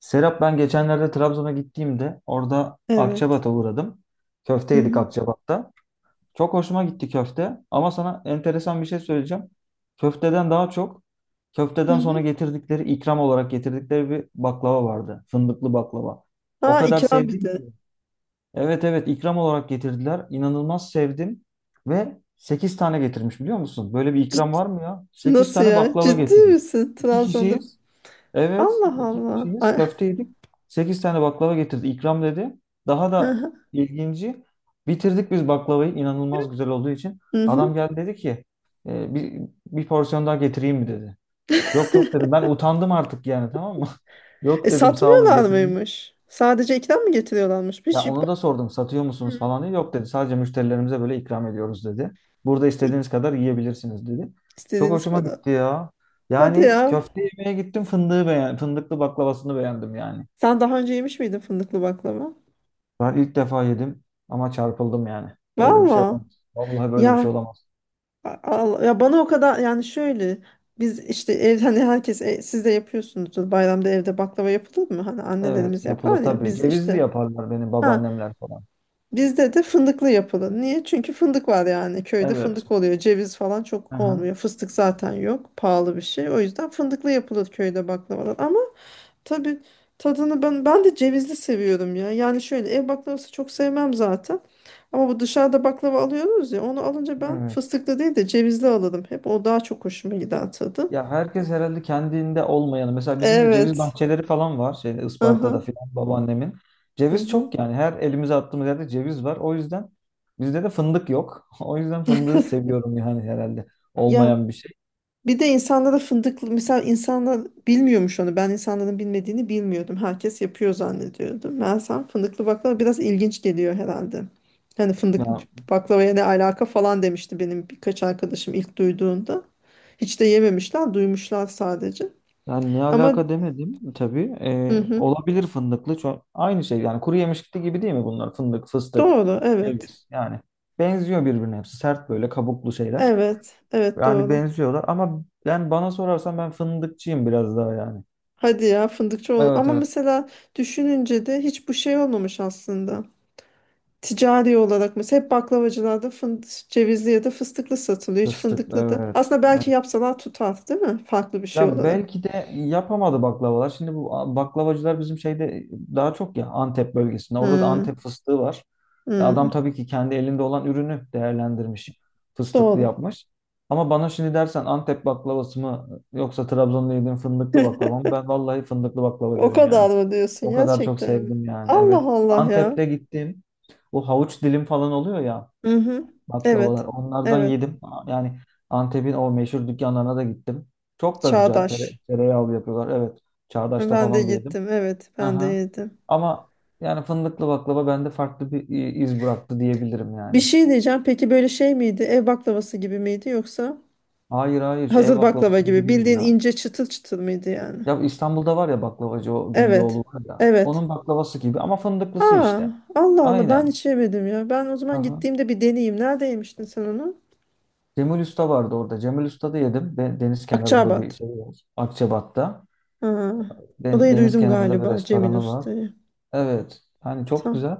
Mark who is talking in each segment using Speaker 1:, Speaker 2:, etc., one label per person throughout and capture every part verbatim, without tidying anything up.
Speaker 1: Serap ben geçenlerde Trabzon'a gittiğimde orada
Speaker 2: Evet.
Speaker 1: Akçabat'a uğradım. Köfte
Speaker 2: Hı
Speaker 1: yedik
Speaker 2: hı.
Speaker 1: Akçabat'ta. Çok hoşuma gitti köfte ama sana enteresan bir şey söyleyeceğim. Köfteden daha çok
Speaker 2: Hı
Speaker 1: köfteden sonra
Speaker 2: hı.
Speaker 1: getirdikleri ikram olarak getirdikleri bir baklava vardı. Fındıklı baklava. O
Speaker 2: Aa,
Speaker 1: kadar
Speaker 2: ikram bir
Speaker 1: sevdim
Speaker 2: de.
Speaker 1: ki. Evet evet, ikram olarak getirdiler. İnanılmaz sevdim ve sekiz tane getirmiş, biliyor musun? Böyle bir ikram
Speaker 2: Ciddi.
Speaker 1: var mı ya? Sekiz
Speaker 2: Nasıl
Speaker 1: tane
Speaker 2: ya?
Speaker 1: baklava
Speaker 2: Ciddi
Speaker 1: getirmiş.
Speaker 2: misin?
Speaker 1: İki
Speaker 2: Trabzon'da
Speaker 1: kişiyiz. Evet,
Speaker 2: Allah
Speaker 1: iki
Speaker 2: Allah.
Speaker 1: kişiyiz.
Speaker 2: Ay-
Speaker 1: Köfte yedik. Sekiz tane baklava getirdi. İkram dedi. Daha da ilginci. Bitirdik biz baklavayı, inanılmaz güzel olduğu için.
Speaker 2: Hı hı.
Speaker 1: Adam geldi, dedi ki: "E, bir, bir porsiyon daha getireyim mi?" dedi. Yok yok dedim. Ben utandım artık, yani tamam mı?
Speaker 2: E
Speaker 1: Yok dedim, sağ olun,
Speaker 2: satmıyorlar
Speaker 1: getirmeyin.
Speaker 2: mıymış? Sadece ikram mı getiriyorlarmış? Bir
Speaker 1: Ya
Speaker 2: şey.
Speaker 1: onu da sordum, satıyor musunuz
Speaker 2: Hı.
Speaker 1: falan diye. Yok dedi, sadece müşterilerimize böyle ikram ediyoruz dedi. Burada
Speaker 2: İ-
Speaker 1: istediğiniz kadar yiyebilirsiniz dedi. Çok
Speaker 2: İstediğiniz
Speaker 1: hoşuma
Speaker 2: kadar.
Speaker 1: gitti ya.
Speaker 2: Hadi
Speaker 1: Yani
Speaker 2: ya.
Speaker 1: köfte yemeye gittim, fındığı beğen fındıklı baklavasını beğendim yani.
Speaker 2: Sen daha önce yemiş miydin fındıklı baklava?
Speaker 1: Ben ilk defa yedim ama çarpıldım yani. Böyle bir şey
Speaker 2: Valla.
Speaker 1: olamaz. Vallahi böyle bir şey
Speaker 2: Ya
Speaker 1: olamaz.
Speaker 2: a- Allah, ya bana o kadar yani şöyle biz işte ev hani herkes e, siz de yapıyorsunuzdur bayramda evde baklava yapılır mı? Hani
Speaker 1: Evet,
Speaker 2: annelerimiz
Speaker 1: yapılır
Speaker 2: yapar ya
Speaker 1: tabii.
Speaker 2: biz
Speaker 1: Cevizli
Speaker 2: işte.
Speaker 1: yaparlar benim
Speaker 2: Ha,
Speaker 1: babaannemler falan.
Speaker 2: bizde de fındıklı yapılı. Niye? Çünkü fındık var yani. Köyde
Speaker 1: Evet.
Speaker 2: fındık oluyor. Ceviz falan çok
Speaker 1: Aha.
Speaker 2: olmuyor. Fıstık zaten yok. Pahalı bir şey. O yüzden fındıklı yapılır köyde baklavalar. Ama tabii tadını ben ben de cevizli seviyorum ya. Yani şöyle ev baklavası çok sevmem zaten. Ama bu dışarıda baklava alıyoruz ya. Onu alınca ben
Speaker 1: Evet.
Speaker 2: fıstıklı değil de cevizli alırım. Hep o daha çok hoşuma gider tadı.
Speaker 1: Ya herkes herhalde kendinde olmayanı. Mesela bizim de ceviz
Speaker 2: Evet.
Speaker 1: bahçeleri falan var. Şeyde, Isparta'da
Speaker 2: Aha.
Speaker 1: falan, babaannemin.
Speaker 2: Hı
Speaker 1: Ceviz
Speaker 2: hı.
Speaker 1: çok yani. Her elimize attığımız yerde ceviz var. O yüzden bizde de fındık yok. O yüzden fındığı seviyorum yani herhalde.
Speaker 2: Ya.
Speaker 1: Olmayan bir şey.
Speaker 2: Bir de insanlara fındıklı mesela insanlar bilmiyormuş onu. Ben insanların bilmediğini bilmiyordum. Herkes yapıyor zannediyordum. Meğersem fındıklı baklava biraz ilginç geliyor herhalde. Hani fındıklı
Speaker 1: Ya.
Speaker 2: baklavaya ne alaka falan demişti benim birkaç arkadaşım ilk duyduğunda. Hiç de yememişler, duymuşlar sadece.
Speaker 1: Yani ne
Speaker 2: Ama
Speaker 1: alaka demedim tabii.
Speaker 2: hı
Speaker 1: Ee,
Speaker 2: hı,
Speaker 1: olabilir fındıklı. Çok, aynı şey yani, kuru yemişlikli gibi değil mi bunlar? Fındık, fıstık,
Speaker 2: doğru evet.
Speaker 1: ceviz yani. Benziyor birbirine hepsi. Sert böyle kabuklu şeyler.
Speaker 2: Evet, evet
Speaker 1: Yani
Speaker 2: doğru.
Speaker 1: benziyorlar ama, ben, bana sorarsan ben fındıkçıyım biraz daha yani.
Speaker 2: Hadi ya, fındıkçı ol.
Speaker 1: Evet
Speaker 2: Ama
Speaker 1: evet.
Speaker 2: mesela düşününce de hiç bu şey olmamış aslında. Ticari olarak mesela hep baklavacılarda fındık, cevizli ya da fıstıklı satılıyor. Hiç
Speaker 1: Fıstık
Speaker 2: fındıklı da.
Speaker 1: evet.
Speaker 2: Aslında belki yapsalar tutar, değil mi? Farklı bir şey
Speaker 1: Ya
Speaker 2: olarak.
Speaker 1: belki de yapamadı baklavalar. Şimdi bu a- baklavacılar bizim şeyde daha çok ya Antep bölgesinde. Orada da
Speaker 2: Hmm,
Speaker 1: Antep fıstığı var. Ya adam
Speaker 2: hmm.
Speaker 1: tabii ki kendi elinde olan ürünü değerlendirmiş. Fıstıklı
Speaker 2: Doğru.
Speaker 1: yapmış. Ama bana şimdi dersen, Antep baklavası mı yoksa Trabzon'da yediğim fındıklı baklava mı? Ben vallahi fındıklı baklava
Speaker 2: O
Speaker 1: derim yani.
Speaker 2: kadar mı diyorsun
Speaker 1: O kadar çok
Speaker 2: gerçekten? Mi?
Speaker 1: sevdim yani.
Speaker 2: Allah
Speaker 1: Evet.
Speaker 2: Allah ya.
Speaker 1: Antep'te gittim. Bu havuç dilim falan oluyor ya
Speaker 2: Hı hı.
Speaker 1: baklavalar.
Speaker 2: Evet.
Speaker 1: Onlardan
Speaker 2: Evet.
Speaker 1: yedim. Yani Antep'in o meşhur dükkanlarına da gittim. Çok da güzel. Tere,
Speaker 2: Çağdaş.
Speaker 1: tereyağlı yapıyorlar. Evet. Çağdaş'ta
Speaker 2: Ben de
Speaker 1: falan da yedim.
Speaker 2: gittim. Evet, ben de
Speaker 1: Aha.
Speaker 2: yedim.
Speaker 1: Ama yani fındıklı baklava bende farklı bir i- iz bıraktı diyebilirim
Speaker 2: Bir
Speaker 1: yani.
Speaker 2: şey diyeceğim. Peki böyle şey miydi? Ev baklavası gibi miydi yoksa
Speaker 1: Hayır hayır, ev
Speaker 2: hazır baklava
Speaker 1: baklavası gibi
Speaker 2: gibi?
Speaker 1: değil
Speaker 2: Bildiğin
Speaker 1: ya.
Speaker 2: ince çıtır çıtır mıydı yani?
Speaker 1: Ya İstanbul'da var ya baklavacı, o Güllüoğlu
Speaker 2: Evet.
Speaker 1: var ya.
Speaker 2: Evet.
Speaker 1: Onun baklavası gibi ama fındıklısı
Speaker 2: Aa,
Speaker 1: işte.
Speaker 2: Allah Allah ben
Speaker 1: Aynen.
Speaker 2: hiç yemedim ya. Ben o zaman
Speaker 1: Aha.
Speaker 2: gittiğimde bir deneyeyim. Nerede yemiştin sen onu?
Speaker 1: Cemil Usta vardı orada. Cemil Usta'da yedim. De- Deniz kenarında bir
Speaker 2: Akçaabat.
Speaker 1: şey var. Akçabat'ta.
Speaker 2: Ha.
Speaker 1: Den-
Speaker 2: Odayı
Speaker 1: Deniz
Speaker 2: duydum
Speaker 1: kenarında bir
Speaker 2: galiba Cemil
Speaker 1: restoranı var.
Speaker 2: Usta'yı.
Speaker 1: Evet. Hani çok
Speaker 2: Tamam.
Speaker 1: güzel.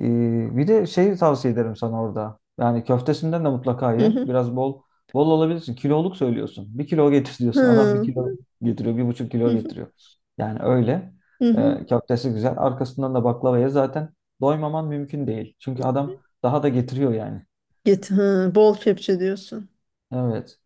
Speaker 1: Ee, bir de şeyi tavsiye ederim sana orada. Yani köftesinden de mutlaka
Speaker 2: Hı
Speaker 1: ye.
Speaker 2: hı.
Speaker 1: Biraz bol bol alabilirsin. Kiloluk söylüyorsun. Bir kilo getir diyorsun. Adam bir
Speaker 2: Hı
Speaker 1: kilo getiriyor. Bir buçuk kilo
Speaker 2: hı.
Speaker 1: getiriyor. Yani öyle.
Speaker 2: Hı hı.
Speaker 1: Ee, köftesi güzel. Arkasından da baklava ye. Zaten doymaman mümkün değil, çünkü adam daha da getiriyor yani.
Speaker 2: Git. Hı. Bol kepçe diyorsun.
Speaker 1: Evet.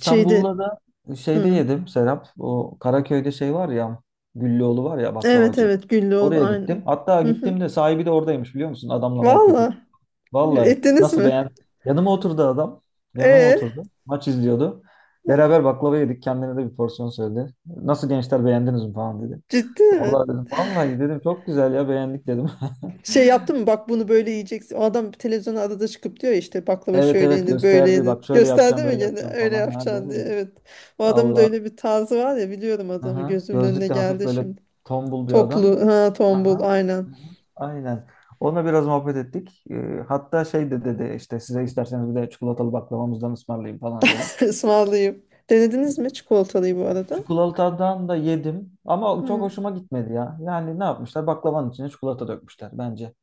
Speaker 2: Şeydi.
Speaker 1: da şeyde
Speaker 2: Hı.
Speaker 1: yedim Serap. O Karaköy'de şey var ya, Güllüoğlu var ya
Speaker 2: Evet
Speaker 1: baklavacı.
Speaker 2: evet, Güllüoğlu
Speaker 1: Oraya gittim.
Speaker 2: aynen.
Speaker 1: Hatta
Speaker 2: Hı
Speaker 1: gittim
Speaker 2: hı.
Speaker 1: de sahibi de oradaymış, biliyor musun? Adamla muhabbet ettim.
Speaker 2: Valla.
Speaker 1: Vallahi
Speaker 2: Ettiniz
Speaker 1: nasıl
Speaker 2: mi?
Speaker 1: beğen. Yanıma oturdu adam. Yanıma
Speaker 2: E.
Speaker 1: oturdu. Maç izliyordu. Beraber baklava yedik. Kendine de bir porsiyon söyledi. Nasıl gençler, beğendiniz mi falan dedi.
Speaker 2: Ciddi mi?
Speaker 1: Vallahi dedim. Vallahi dedim, çok güzel ya, beğendik dedim.
Speaker 2: Şey yaptın mı, bak bunu böyle yiyeceksin. O adam televizyona adada çıkıp diyor ya işte baklava
Speaker 1: Evet
Speaker 2: şöyle
Speaker 1: evet,
Speaker 2: yenir böyle
Speaker 1: gösterdi.
Speaker 2: yenir.
Speaker 1: Bak şöyle
Speaker 2: Gösterdi
Speaker 1: yapacağım,
Speaker 2: mi
Speaker 1: böyle
Speaker 2: gene
Speaker 1: yapacağım
Speaker 2: öyle
Speaker 1: falan. Ha
Speaker 2: yapacaksın diye.
Speaker 1: dedi.
Speaker 2: Evet. O adamın da
Speaker 1: Allah.
Speaker 2: öyle bir tarzı var ya, biliyorum adamı,
Speaker 1: Aha.
Speaker 2: gözümün önüne
Speaker 1: Gözlükle, hafif
Speaker 2: geldi
Speaker 1: böyle
Speaker 2: şimdi.
Speaker 1: tombul bir adam.
Speaker 2: Toplu ha, tombul
Speaker 1: Aha.
Speaker 2: aynen.
Speaker 1: Aha. Aynen. Onunla biraz muhabbet ettik. Ee, hatta şey de dedi, işte size isterseniz bir de çikolatalı baklavamızdan ısmarlayayım falan dedi.
Speaker 2: Ismarlayayım. Denediniz mi çikolatalıyı bu arada?
Speaker 1: Çikolatadan da yedim ama çok
Speaker 2: Hı.
Speaker 1: hoşuma gitmedi ya. Yani ne yapmışlar? Baklavanın içine çikolata dökmüşler bence.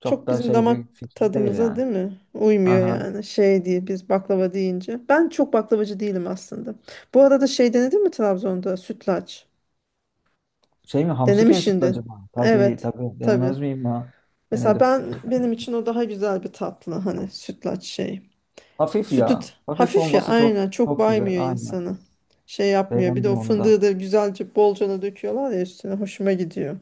Speaker 1: Çok
Speaker 2: Çok
Speaker 1: da
Speaker 2: bizim
Speaker 1: şey bir
Speaker 2: damak
Speaker 1: fikir değil
Speaker 2: tadımıza
Speaker 1: yani.
Speaker 2: değil mi? Uymuyor
Speaker 1: Aha.
Speaker 2: yani şey diye biz baklava deyince. Ben çok baklavacı değilim aslında. Bu arada şey denedin mi Trabzon'da, sütlaç?
Speaker 1: Şey mi, hamsi köy sütlü
Speaker 2: Denemişsindir.
Speaker 1: acaba? Tabii
Speaker 2: Evet
Speaker 1: tabii,
Speaker 2: tabii.
Speaker 1: denemez miyim ya?
Speaker 2: Mesela
Speaker 1: Denedim.
Speaker 2: ben, benim için o daha güzel bir tatlı, hani sütlaç şey.
Speaker 1: Hafif
Speaker 2: Sütü
Speaker 1: ya. Hafif
Speaker 2: hafif ya
Speaker 1: olması çok
Speaker 2: aynen, çok
Speaker 1: çok güzel.
Speaker 2: baymıyor
Speaker 1: Aynen.
Speaker 2: insanı. Şey yapmıyor. Bir de
Speaker 1: Beğendim
Speaker 2: o
Speaker 1: onu
Speaker 2: fındığı
Speaker 1: da.
Speaker 2: da güzelce bolcana döküyorlar ya üstüne, hoşuma gidiyor.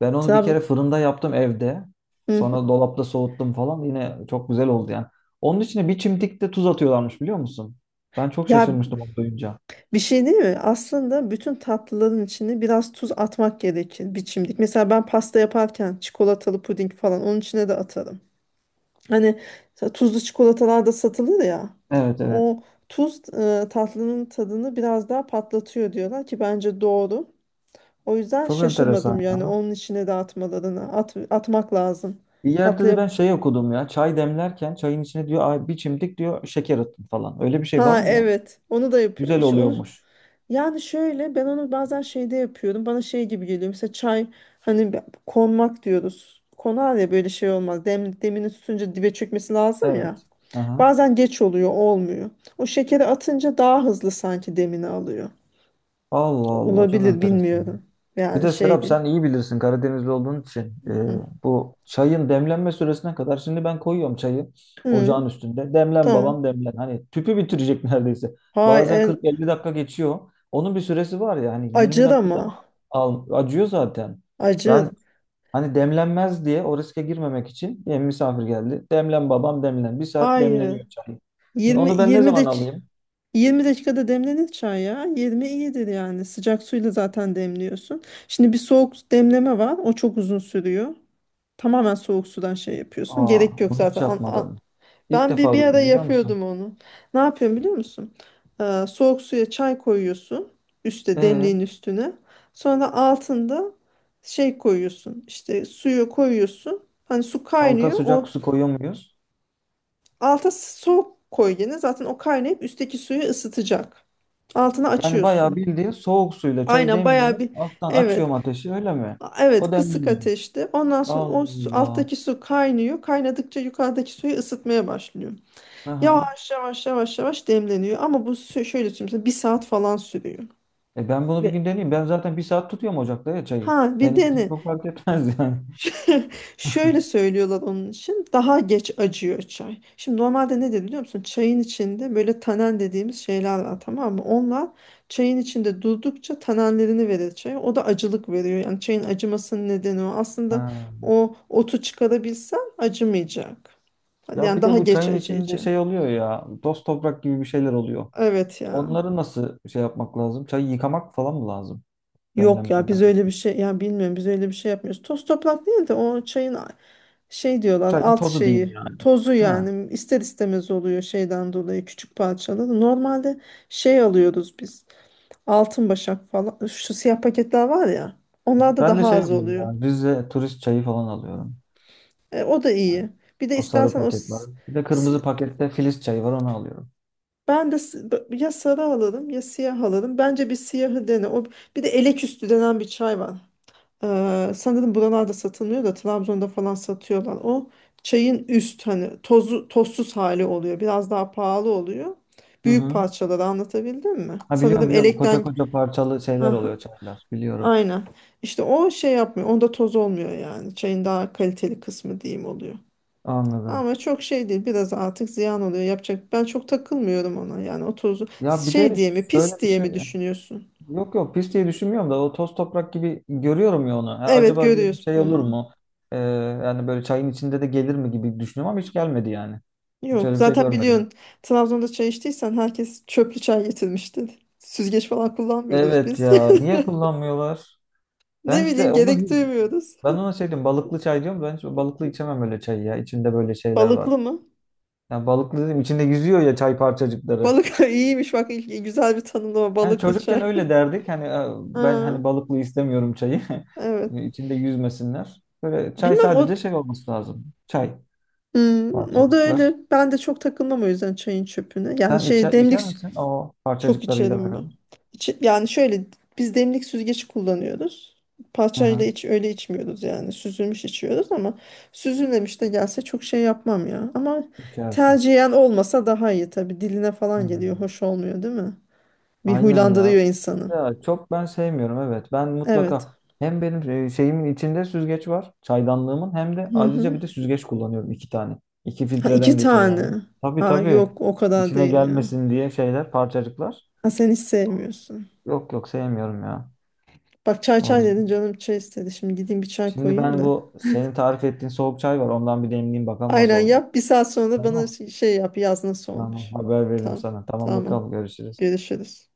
Speaker 1: Ben onu bir kere
Speaker 2: Trabzon.
Speaker 1: fırında yaptım evde.
Speaker 2: Hı hı.
Speaker 1: Sonra dolapta soğuttum falan. Yine çok güzel oldu yani. Onun içine bir çimdik de tuz atıyorlarmış, biliyor musun? Ben çok
Speaker 2: Ya
Speaker 1: şaşırmıştım onu duyunca.
Speaker 2: bir şey değil mi? Aslında bütün tatlıların içine biraz tuz atmak gerekir biçimlik. Mesela ben pasta yaparken çikolatalı puding falan, onun içine de atarım. Hani ta- tuzlu çikolatalar da satılır ya.
Speaker 1: Evet evet.
Speaker 2: O tuz e, tatlının tadını biraz daha patlatıyor diyorlar ki bence doğru. O yüzden
Speaker 1: Çok enteresan
Speaker 2: şaşırmadım yani,
Speaker 1: ya.
Speaker 2: onun içine de atmalarını at, atmak lazım
Speaker 1: Bir yerde de
Speaker 2: tatlıya.
Speaker 1: ben şey okudum ya. Çay demlerken çayın içine diyor: "Ay, bir çimdik diyor, şeker atın falan." Öyle bir şey var
Speaker 2: Ha
Speaker 1: mı ya?
Speaker 2: evet, onu da
Speaker 1: Güzel
Speaker 2: yapıyor. Şu, onu,
Speaker 1: oluyormuş.
Speaker 2: yani şöyle ben onu bazen şeyde yapıyorum. Bana şey gibi geliyor. Mesela çay hani be- konmak diyoruz. Konar ya, böyle şey olmaz. Dem, demini tutunca dibe çökmesi lazım ya.
Speaker 1: Evet. Aha.
Speaker 2: Bazen geç oluyor, olmuyor. O şekeri atınca daha hızlı sanki demini alıyor.
Speaker 1: Allah Allah, çok
Speaker 2: Olabilir,
Speaker 1: enteresan.
Speaker 2: bilmiyorum.
Speaker 1: Bir
Speaker 2: Yani
Speaker 1: de Serap,
Speaker 2: şeydi.
Speaker 1: sen iyi bilirsin Karadenizli olduğun için. Ee,
Speaker 2: Hı.
Speaker 1: bu çayın demlenme süresine kadar şimdi ben koyuyorum çayı
Speaker 2: Hı,
Speaker 1: ocağın üstünde. Demlen
Speaker 2: tamam.
Speaker 1: babam demlen. Hani tüpü bitirecek neredeyse.
Speaker 2: Hayır,
Speaker 1: Bazen
Speaker 2: en-
Speaker 1: kırk elli dakika geçiyor. Onun bir süresi var ya, hani yirmi
Speaker 2: acır
Speaker 1: dakikada mı
Speaker 2: ama.
Speaker 1: al, acıyor zaten.
Speaker 2: Acır.
Speaker 1: Ben hani demlenmez diye o riske girmemek için, yani misafir geldi, demlen babam demlen. Bir saat
Speaker 2: Hayır.
Speaker 1: demleniyor çay.
Speaker 2: 20
Speaker 1: Onu ben ne
Speaker 2: 20
Speaker 1: zaman
Speaker 2: dak
Speaker 1: alayım?
Speaker 2: yirmi dakikada demlenir çay ya. yirmi iyidir yani. Sıcak suyla zaten demliyorsun. Şimdi bir soğuk demleme var. O çok uzun sürüyor. Tamamen soğuk sudan şey yapıyorsun.
Speaker 1: Aa,
Speaker 2: Gerek yok
Speaker 1: bunu hiç
Speaker 2: zaten. An, an-
Speaker 1: yapmadım. İlk
Speaker 2: ben bir,
Speaker 1: defa
Speaker 2: bir ara
Speaker 1: duydum, biliyor musun?
Speaker 2: yapıyordum onu. Ne yapıyorum biliyor musun? Ee, soğuk suya çay koyuyorsun. Üste,
Speaker 1: Ee?
Speaker 2: demliğin üstüne. Sonra altında şey koyuyorsun. İşte suyu koyuyorsun. Hani su
Speaker 1: Alta
Speaker 2: kaynıyor.
Speaker 1: sıcak
Speaker 2: O
Speaker 1: su koyuyor muyuz?
Speaker 2: alta soğuk koy gene. Zaten o kaynayıp üstteki suyu ısıtacak. Altını
Speaker 1: Yani bayağı
Speaker 2: açıyorsun.
Speaker 1: bildiğin soğuk suyla çayı
Speaker 2: Aynen, bayağı
Speaker 1: demliyorum.
Speaker 2: bir
Speaker 1: Alttan
Speaker 2: evet.
Speaker 1: açıyorum ateşi, öyle mi?
Speaker 2: A- Evet,
Speaker 1: O
Speaker 2: kısık
Speaker 1: demleniyor.
Speaker 2: ateşte. Ondan sonra
Speaker 1: Allah
Speaker 2: o su-
Speaker 1: Allah.
Speaker 2: alttaki su kaynıyor. Kaynadıkça yukarıdaki suyu ısıtmaya başlıyor.
Speaker 1: Aha.
Speaker 2: Yavaş yavaş yavaş yavaş demleniyor. Ama bu sü- şöyle söyleyeyim sana, bir saat falan sürüyor.
Speaker 1: E ben bunu bir
Speaker 2: Ve
Speaker 1: gün deneyeyim. Ben zaten bir saat tutuyorum ocakta ya çayı.
Speaker 2: ha, bir
Speaker 1: Benim için
Speaker 2: dene.
Speaker 1: çok fark etmez yani.
Speaker 2: Şöyle söylüyorlar onun için. Daha geç acıyor çay. Şimdi normalde ne de biliyor musun? Çayın içinde böyle tanen dediğimiz şeyler var, tamam mı? Onlar çayın içinde durdukça tanenlerini verir çaya. O da acılık veriyor. Yani çayın acımasının nedeni o. Aslında
Speaker 1: Ha.
Speaker 2: o otu çıkarabilsen acımayacak.
Speaker 1: Ya
Speaker 2: Yani
Speaker 1: bir de
Speaker 2: daha
Speaker 1: bu
Speaker 2: geç
Speaker 1: çayın içinde
Speaker 2: acıyacak.
Speaker 1: şey oluyor ya. Toz toprak gibi bir şeyler oluyor.
Speaker 2: Evet ya.
Speaker 1: Onları nasıl şey yapmak lazım? Çayı yıkamak falan mı lazım
Speaker 2: Yok ya,
Speaker 1: demlenmeden?
Speaker 2: biz öyle bir şey ya bilmiyorum, biz öyle bir şey yapmıyoruz. Toz toprak değil de o çayın a- şey diyorlar,
Speaker 1: Çayın
Speaker 2: alt
Speaker 1: tozu diyeyim
Speaker 2: şeyi
Speaker 1: yani.
Speaker 2: tozu
Speaker 1: Ha.
Speaker 2: yani ister istemez oluyor şeyden dolayı, küçük parçaları. Normalde şey alıyoruz biz, altın başak falan, şu siyah paketler var ya, onlar da
Speaker 1: Ben de
Speaker 2: daha
Speaker 1: şey
Speaker 2: az
Speaker 1: alıyorum
Speaker 2: oluyor.
Speaker 1: ya. Rize turist çayı falan alıyorum.
Speaker 2: E, o da iyi. Bir de
Speaker 1: O sarı
Speaker 2: istersen o
Speaker 1: paket var.
Speaker 2: s-
Speaker 1: Bir de kırmızı
Speaker 2: s-
Speaker 1: pakette Filiz çayı var, onu alıyorum.
Speaker 2: ben de s- b- ya sarı alırım ya siyah alırım. Bence bir siyahı dene. O, bir de elek üstü denen bir çay var. Ee, sanırım buralarda satılmıyor da Trabzon'da falan satıyorlar. O çayın üst hani tozu, tozsuz hali oluyor. Biraz daha pahalı oluyor.
Speaker 1: Hı
Speaker 2: Büyük
Speaker 1: hı.
Speaker 2: parçaları anlatabildim mi?
Speaker 1: Ha, biliyorum
Speaker 2: Sanırım
Speaker 1: biliyorum. Koca
Speaker 2: elekten.
Speaker 1: koca parçalı şeyler
Speaker 2: Aha,
Speaker 1: oluyor çaylar. Biliyorum.
Speaker 2: aynen. İşte o şey yapmıyor. Onda toz olmuyor yani. Çayın daha kaliteli kısmı diyeyim oluyor.
Speaker 1: Anladım.
Speaker 2: Ama çok şey değil. Biraz artık ziyan oluyor. Yapacak. Ben çok takılmıyorum ona. Yani o tozu
Speaker 1: Ya bir
Speaker 2: şey
Speaker 1: de
Speaker 2: diye mi,
Speaker 1: şöyle
Speaker 2: pis
Speaker 1: bir
Speaker 2: diye
Speaker 1: şey.
Speaker 2: mi düşünüyorsun?
Speaker 1: Yok yok, pis diye düşünmüyorum da o toz toprak gibi görüyorum ya onu. Ha,
Speaker 2: Evet,
Speaker 1: acaba diyorum,
Speaker 2: görüyorsun.
Speaker 1: şey olur
Speaker 2: Hmm.
Speaker 1: mu? Ee, yani böyle çayın içinde de gelir mi gibi düşünüyorum ama hiç gelmedi yani. Hiç
Speaker 2: Yok,
Speaker 1: öyle bir şey
Speaker 2: zaten
Speaker 1: görmedim.
Speaker 2: biliyorsun Trabzon'da çay içtiysen herkes çöplü çay getirmişti. Süzgeç falan kullanmıyoruz
Speaker 1: Evet
Speaker 2: biz.
Speaker 1: ya, niye kullanmıyorlar? Ben
Speaker 2: Ne bileyim,
Speaker 1: işte onu,
Speaker 2: gerek duymuyoruz.
Speaker 1: ben ona şey diyorum, balıklı çay diyorum. Ben hiç balıklı içemem öyle çayı ya. İçinde böyle şeyler var.
Speaker 2: Balıklı mı?
Speaker 1: Yani balıklı dedim, içinde yüzüyor ya çay parçacıkları.
Speaker 2: Balık iyiymiş bak ilk- güzel bir tanımlama,
Speaker 1: Yani
Speaker 2: balıklı
Speaker 1: çocukken
Speaker 2: çay.
Speaker 1: öyle derdik. Hani e, ben
Speaker 2: Ha,
Speaker 1: hani balıklı istemiyorum çayı.
Speaker 2: evet.
Speaker 1: E, İçinde yüzmesinler. Böyle çay
Speaker 2: Bilmem o.
Speaker 1: sadece şey olması lazım. Çay
Speaker 2: Hmm, o da
Speaker 1: parçacıklar.
Speaker 2: öyle. Ben de çok takılmam o yüzden çayın çöpüne. Yani
Speaker 1: Sen
Speaker 2: şey
Speaker 1: içer, içer
Speaker 2: demlik.
Speaker 1: misin? O
Speaker 2: Çok
Speaker 1: parçacıklarıyla
Speaker 2: içerim ben.
Speaker 1: beraber.
Speaker 2: Yani şöyle biz demlik süzgeci kullanıyoruz.
Speaker 1: Hı
Speaker 2: Parçayla
Speaker 1: hı,
Speaker 2: iç öyle içmiyoruz yani. Süzülmüş içiyoruz ama süzülmemiş de gelse çok şey yapmam ya. Ama
Speaker 1: içersin.
Speaker 2: tercihen olmasa daha iyi tabii. Diline falan geliyor.
Speaker 1: Hmm.
Speaker 2: Hoş olmuyor değil mi? Bir
Speaker 1: Aynen ya.
Speaker 2: huylandırıyor insanı.
Speaker 1: Ya çok ben sevmiyorum, evet. Ben
Speaker 2: Evet.
Speaker 1: mutlaka, hem benim e, şeyimin içinde süzgeç var, çaydanlığımın, hem de
Speaker 2: Hı
Speaker 1: ayrıca
Speaker 2: hı.
Speaker 1: bir de süzgeç kullanıyorum, iki tane. İki
Speaker 2: Ha, iki
Speaker 1: filtreden geçiyor yani.
Speaker 2: tane.
Speaker 1: Tabii
Speaker 2: Ha
Speaker 1: tabii.
Speaker 2: yok, o kadar
Speaker 1: İçine
Speaker 2: değil ya.
Speaker 1: gelmesin diye şeyler, parçacıklar.
Speaker 2: Ha sen hiç sevmiyorsun.
Speaker 1: Yok yok, sevmiyorum ya.
Speaker 2: Bak çay
Speaker 1: O
Speaker 2: çay dedin,
Speaker 1: yüzden.
Speaker 2: canım çay istedi. Şimdi gideyim bir çay
Speaker 1: Şimdi
Speaker 2: koyayım
Speaker 1: ben
Speaker 2: da.
Speaker 1: bu senin tarif ettiğin soğuk çay var. Ondan bir demleyeyim, bakalım nasıl
Speaker 2: Aynen
Speaker 1: olacak.
Speaker 2: yap. Bir saat sonra da bana
Speaker 1: Tamam.
Speaker 2: şey şey yap. Yaz nasıl
Speaker 1: Tamam.
Speaker 2: olmuş.
Speaker 1: Haber veririm
Speaker 2: Tamam.
Speaker 1: sana. Tamam
Speaker 2: Tamam.
Speaker 1: bakalım, görüşürüz.
Speaker 2: Görüşürüz.